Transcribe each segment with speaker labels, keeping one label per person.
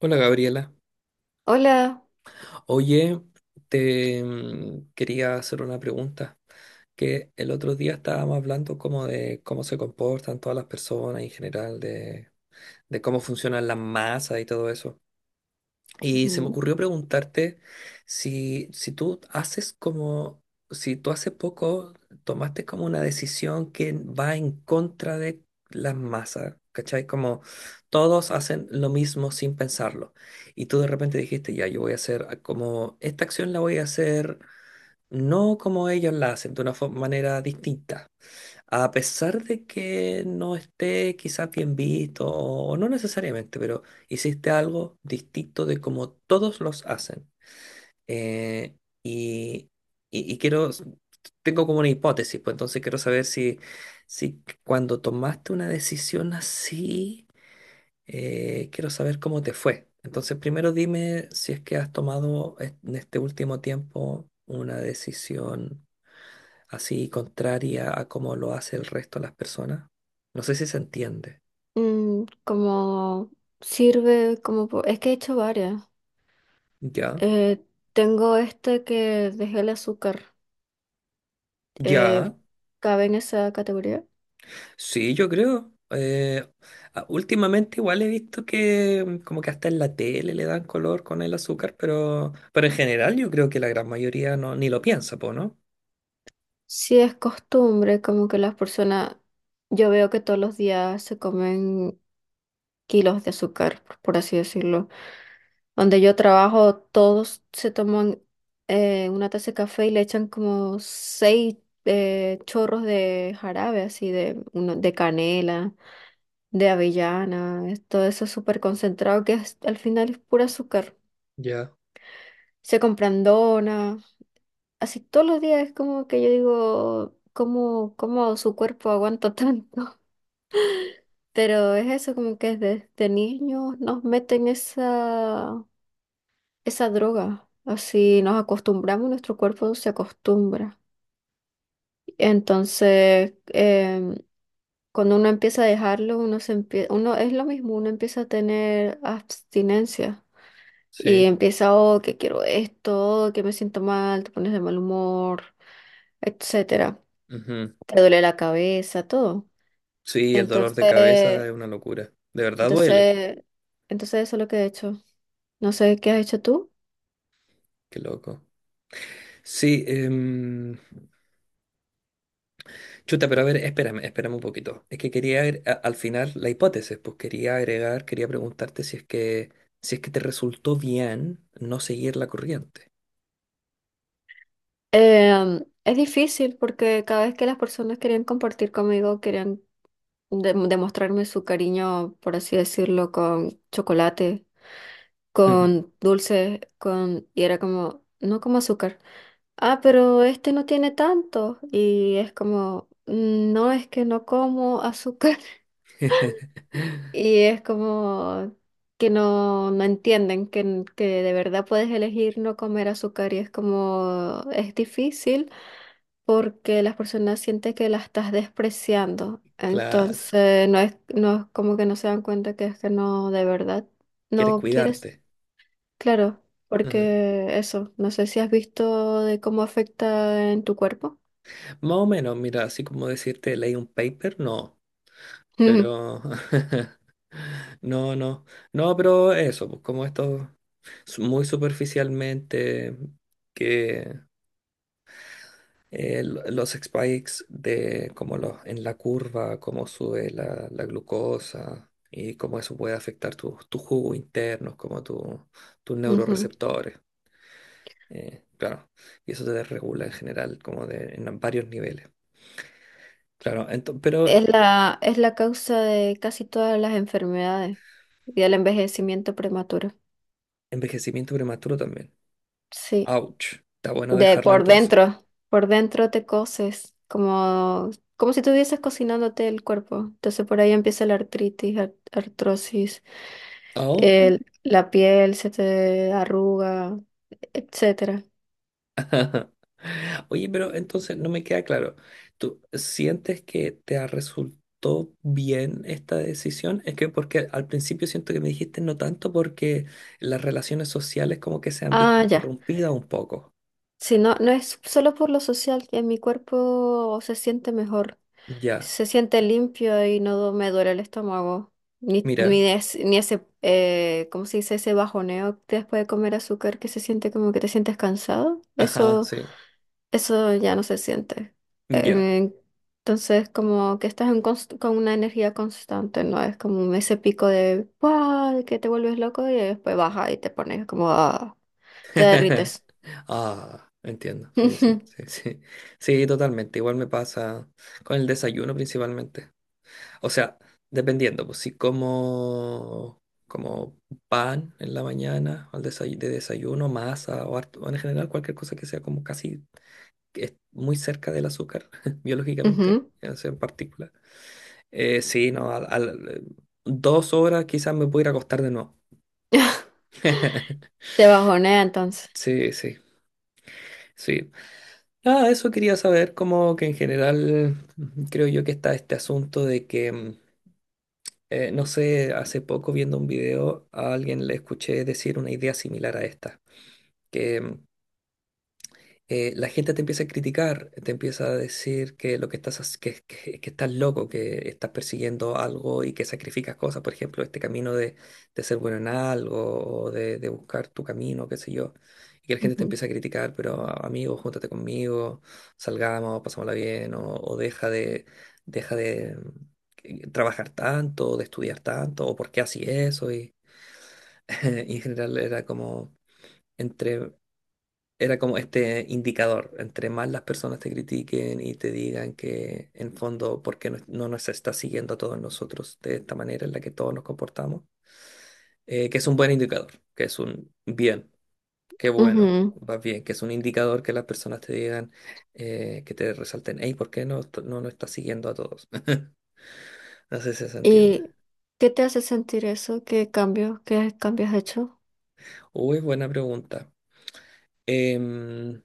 Speaker 1: Hola Gabriela.
Speaker 2: Hola,
Speaker 1: Oye, te quería hacer una pregunta, que el otro día estábamos hablando como de cómo se comportan todas las personas en general, de cómo funcionan las masas y todo eso. Y se me ocurrió preguntarte si tú haces como, si tú hace poco tomaste como una decisión que va en contra de las masas, ¿cachai? Como todos hacen lo mismo sin pensarlo. Y tú de repente dijiste, ya, yo voy a hacer como, esta acción la voy a hacer no como ellos la hacen, de una manera distinta. A pesar de que no esté quizás bien visto, o no necesariamente, pero hiciste algo distinto de como todos los hacen. Eh, y, y quiero, tengo como una hipótesis, pues entonces quiero saber si cuando tomaste una decisión así, quiero saber cómo te fue. Entonces primero dime si es que has tomado en este último tiempo una decisión así contraria a cómo lo hace el resto de las personas. No sé si se entiende.
Speaker 2: como es que he hecho varias.
Speaker 1: Ya,
Speaker 2: Eh, Tengo este que dejé el azúcar. eh,
Speaker 1: ya.
Speaker 2: ¿Cabe en esa categoría?
Speaker 1: Sí, yo creo. Últimamente igual he visto que como que hasta en la tele le dan color con el azúcar, pero en general yo creo que la gran mayoría no, ni lo piensa, po, ¿no?
Speaker 2: Sí, es costumbre, como que las personas, yo veo que todos los días se comen kilos de azúcar, por así decirlo. Donde yo trabajo, todos se toman una taza de café y le echan como seis chorros de jarabe, así de, uno, de canela. De avellana, es todo eso súper concentrado que al final es puro azúcar.
Speaker 1: Ya,
Speaker 2: Se compran donas, así todos los días es como que yo digo, ¿cómo, cómo su cuerpo aguanta tanto? Pero es eso, como que desde niños nos meten esa droga, así nos acostumbramos, nuestro cuerpo se acostumbra. Entonces, cuando uno empieza a dejarlo, uno es lo mismo, uno empieza a tener abstinencia. Y
Speaker 1: sí.
Speaker 2: empieza, oh, que quiero esto, que me siento mal, te pones de mal humor, etcétera.
Speaker 1: Ujú.
Speaker 2: Te duele la cabeza, todo.
Speaker 1: Sí, el dolor de cabeza
Speaker 2: Entonces,
Speaker 1: es una locura. De verdad duele.
Speaker 2: entonces, entonces eso es lo que he hecho. No sé qué has hecho tú.
Speaker 1: Qué loco. Sí, chuta, pero a ver, espérame, espérame un poquito. Es que quería al final la hipótesis, pues quería agregar, quería preguntarte si es que si es que te resultó bien no seguir la corriente.
Speaker 2: Es difícil porque cada vez que las personas querían compartir conmigo, querían demostrarme su cariño, por así decirlo, con chocolate, con dulces, con... y era como, no como azúcar. Ah, pero este no tiene tanto. Y es como, "Mm, no es que no como azúcar". Y es como que no, no entienden que, que de verdad puedes elegir no comer azúcar. Y es como, es difícil porque las personas sienten que la estás despreciando.
Speaker 1: Claro,
Speaker 2: Entonces, no es como que no se dan cuenta que es que no, de verdad,
Speaker 1: quieres
Speaker 2: no quieres.
Speaker 1: cuidarte.
Speaker 2: Claro,
Speaker 1: Ujú.
Speaker 2: porque eso, no sé si has visto de cómo afecta en tu cuerpo.
Speaker 1: Más o menos, mira, así como decirte leí un paper, no,
Speaker 2: Ujú,
Speaker 1: pero no, no, no, pero eso, pues como esto muy superficialmente que los spikes de como los, en la curva, cómo sube la glucosa y cómo eso puede afectar tus jugos internos, como tus
Speaker 2: ujú.
Speaker 1: neuroreceptores. Claro, y eso te desregula en general, como de, en varios niveles. Claro, pero
Speaker 2: Es es la causa de casi todas las enfermedades y del envejecimiento prematuro.
Speaker 1: envejecimiento prematuro también.
Speaker 2: Sí,
Speaker 1: Ouch, está bueno
Speaker 2: de
Speaker 1: dejarla entonces.
Speaker 2: por dentro te coces, como, como si estuvieses cocinándote el cuerpo. Entonces por ahí empieza la artritis, artrosis, la piel se te arruga, etcétera.
Speaker 1: Oye, pero entonces no me queda claro. ¿Tú sientes que te resultó bien esta decisión? Es que porque al principio siento que me dijiste no tanto porque las relaciones sociales como que se han visto
Speaker 2: Ah, ya.
Speaker 1: interrumpidas un poco.
Speaker 2: Si no, no es solo por lo social, en mi cuerpo se siente mejor.
Speaker 1: Ya,
Speaker 2: Se siente limpio y no me duele el estómago. Ni,
Speaker 1: mira.
Speaker 2: ni, es- ni ese, ¿cómo se dice? Ese bajoneo después de comer azúcar que se siente como que te sientes cansado.
Speaker 1: Ajá,
Speaker 2: Eso,
Speaker 1: sí.
Speaker 2: eso ya no se siente.
Speaker 1: Ya.
Speaker 2: Eh, entonces, como que estás en con una energía constante, ¿no? Es como ese pico de, ¡guau!, de que te vuelves loco y después baja y te pones como, ah, te derrites.
Speaker 1: Ah, entiendo. Sí, sí, sí, sí. Sí, totalmente. Igual me pasa con el desayuno principalmente. O sea, dependiendo, pues si como, como pan en la mañana, al de desayuno, masa o, o en general cualquier cosa que sea como casi que es muy cerca del azúcar, biológicamente,
Speaker 2: Ujú.
Speaker 1: o sea, en particular. Sí, no, dos horas quizás me pudiera acostar de nuevo.
Speaker 2: Te bajonea entonces.
Speaker 1: Sí, sí, sí. Ah, eso quería saber, como que en general creo yo que está este asunto de que... no sé, hace poco viendo un video a alguien le escuché decir una idea similar a esta, que la gente te empieza a criticar, te empieza a decir que lo que estás, que estás loco, que estás persiguiendo algo y que sacrificas cosas, por ejemplo, este camino de ser bueno en algo o de buscar tu camino, qué sé yo, y que la gente te
Speaker 2: Ujú.
Speaker 1: empieza a criticar, pero "Ah, amigo, júntate conmigo, salgamos, pasámosla bien, o deja de trabajar tanto, de estudiar tanto, o por qué así eso, y y en general era como entre era como este indicador, entre más las personas te critiquen y te digan que en fondo, ¿por qué no nos está siguiendo a todos nosotros de esta manera en la que todos nos comportamos? Que es un buen indicador, que es un bien, qué bueno,
Speaker 2: Ujú.
Speaker 1: va bien, que es un indicador que las personas te digan, que te resalten, hey, ¿por qué no, no nos está siguiendo a todos? No sé si se entiende.
Speaker 2: ¿Y qué te hace sentir eso? Qué cambios has hecho?
Speaker 1: Uy, buena pregunta. Em,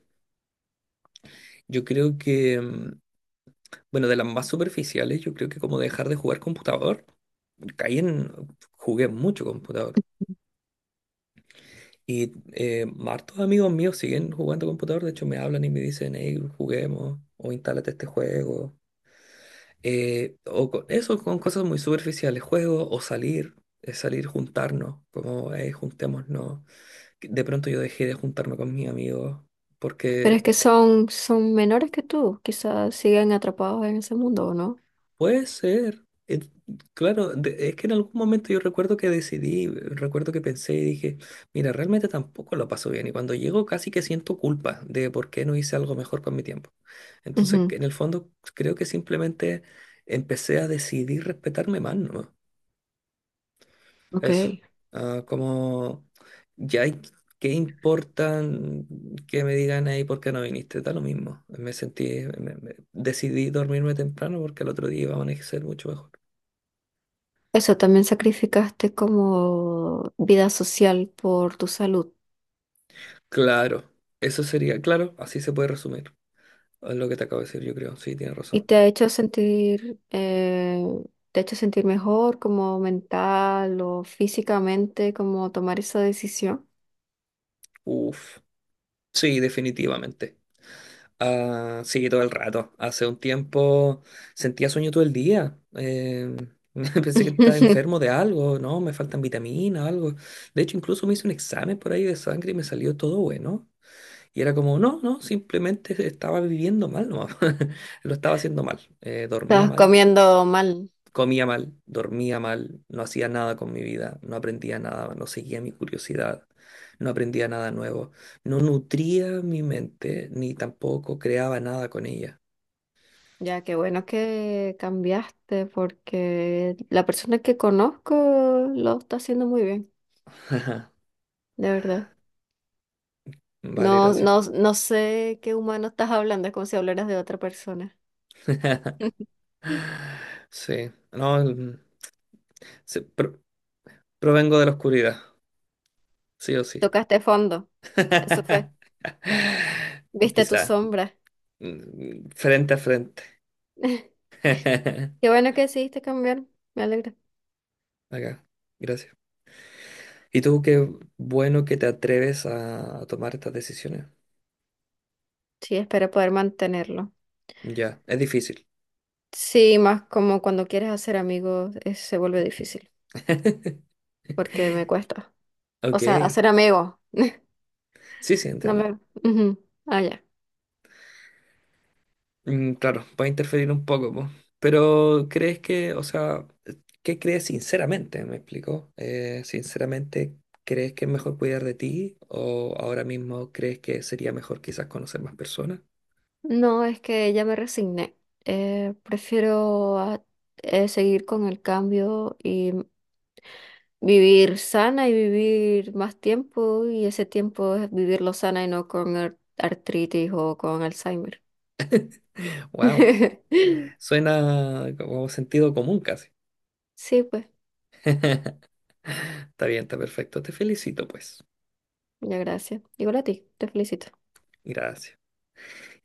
Speaker 1: yo creo que... bueno, de las más superficiales, yo creo que como dejar de jugar computador, caí en, jugué mucho computador. Y hartos amigos míos siguen jugando computador, de hecho me hablan y me dicen, hey, juguemos, o instálate este juego. O eso con cosas muy superficiales, juego o salir, salir, juntarnos, como, hey, juntémonos. Que de pronto yo dejé de juntarme con mis amigos
Speaker 2: Pero
Speaker 1: porque
Speaker 2: es que son, son menores que tú, quizás siguen atrapados en ese mundo, ¿o no?
Speaker 1: puede ser. Claro, es que en algún momento yo recuerdo que decidí, recuerdo que pensé y dije, mira, realmente tampoco lo paso bien. Y cuando llego casi que siento culpa de por qué no hice algo mejor con mi tiempo. Entonces,
Speaker 2: Ujú,
Speaker 1: en el fondo, creo que simplemente empecé a decidir respetarme más, ¿no?
Speaker 2: ok.
Speaker 1: Eso. Ah, como ya hay- ¿qué importan que me digan ahí por qué no viniste? Da lo mismo. Me sentí, decidí dormirme temprano porque al otro día iba a amanecer mucho mejor.
Speaker 2: Eso también sacrificaste como vida social por tu salud
Speaker 1: Claro, eso sería, claro, así se puede resumir es lo que te acabo de decir, yo creo. Sí, tienes
Speaker 2: y
Speaker 1: razón.
Speaker 2: te ha hecho sentir, te ha hecho sentir mejor como mental o físicamente, como tomar esa decisión.
Speaker 1: Uf, sí, definitivamente. Ah, sí, todo el rato. Hace un tiempo sentía sueño todo el día. Pensé que estaba enfermo de algo, ¿no? Me faltan vitaminas, algo. De hecho, incluso me hice un examen por ahí de sangre y me salió todo bueno. Y era como, no, no, simplemente estaba viviendo mal, no, lo estaba haciendo mal. Dormía
Speaker 2: Estabas
Speaker 1: mal.
Speaker 2: comiendo mal.
Speaker 1: Comía mal, dormía mal, no hacía nada con mi vida, no aprendía nada, no seguía mi curiosidad, no aprendía nada nuevo, no nutría mi mente ni tampoco creaba nada con ella.
Speaker 2: Ya, qué bueno que cambiaste porque la persona que conozco lo está haciendo muy bien, de verdad.
Speaker 1: Vale,
Speaker 2: No,
Speaker 1: gracias.
Speaker 2: no sé qué humano estás hablando, es como si hablaras de otra persona.
Speaker 1: Sí, no, sí, provengo de la oscuridad, sí o sí.
Speaker 2: Tocaste fondo, eso fue. Viste tu
Speaker 1: Quizá,
Speaker 2: sombra.
Speaker 1: frente a frente.
Speaker 2: Qué bueno que decidiste cambiar, me alegra.
Speaker 1: Acá, gracias. ¿Y tú qué bueno que te atreves a tomar estas decisiones?
Speaker 2: Sí, espero poder mantenerlo.
Speaker 1: Ya, es difícil.
Speaker 2: Sí, más como cuando quieres hacer amigos, se vuelve difícil porque me cuesta. O
Speaker 1: Ok.
Speaker 2: sea, hacer amigos.
Speaker 1: Sí, sí,
Speaker 2: No
Speaker 1: entiendo.
Speaker 2: me... Ujú. Ah, ya.
Speaker 1: Mm, claro, puede interferir un poco, po. Pero ¿crees que, o sea, qué crees sinceramente? ¿Me explico? Sinceramente, ¿crees que es mejor cuidar de ti o ahora mismo crees que sería mejor quizás conocer más personas?
Speaker 2: No, es que ya me resigné. Eh, prefiero seguir con el cambio y vivir sana y vivir más tiempo y ese tiempo es vivirlo sana y no con artritis o con Alzheimer.
Speaker 1: Wow, suena como sentido común casi.
Speaker 2: Sí, pues,
Speaker 1: Está bien, está perfecto. Te felicito, pues.
Speaker 2: ya gracias. Igual a ti, te felicito.
Speaker 1: Gracias.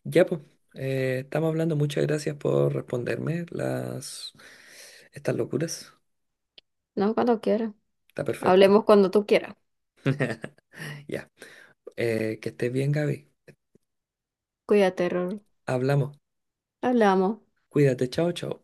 Speaker 1: Ya, pues, estamos hablando. Muchas gracias por responderme las estas locuras.
Speaker 2: No, cuando quieras.
Speaker 1: Está perfecto.
Speaker 2: Hablemos cuando tú quieras.
Speaker 1: Ya. Que estés bien, Gaby.
Speaker 2: Cuídate, Ror.
Speaker 1: Hablamos.
Speaker 2: Hablamos.
Speaker 1: Cuídate. Chao, chao.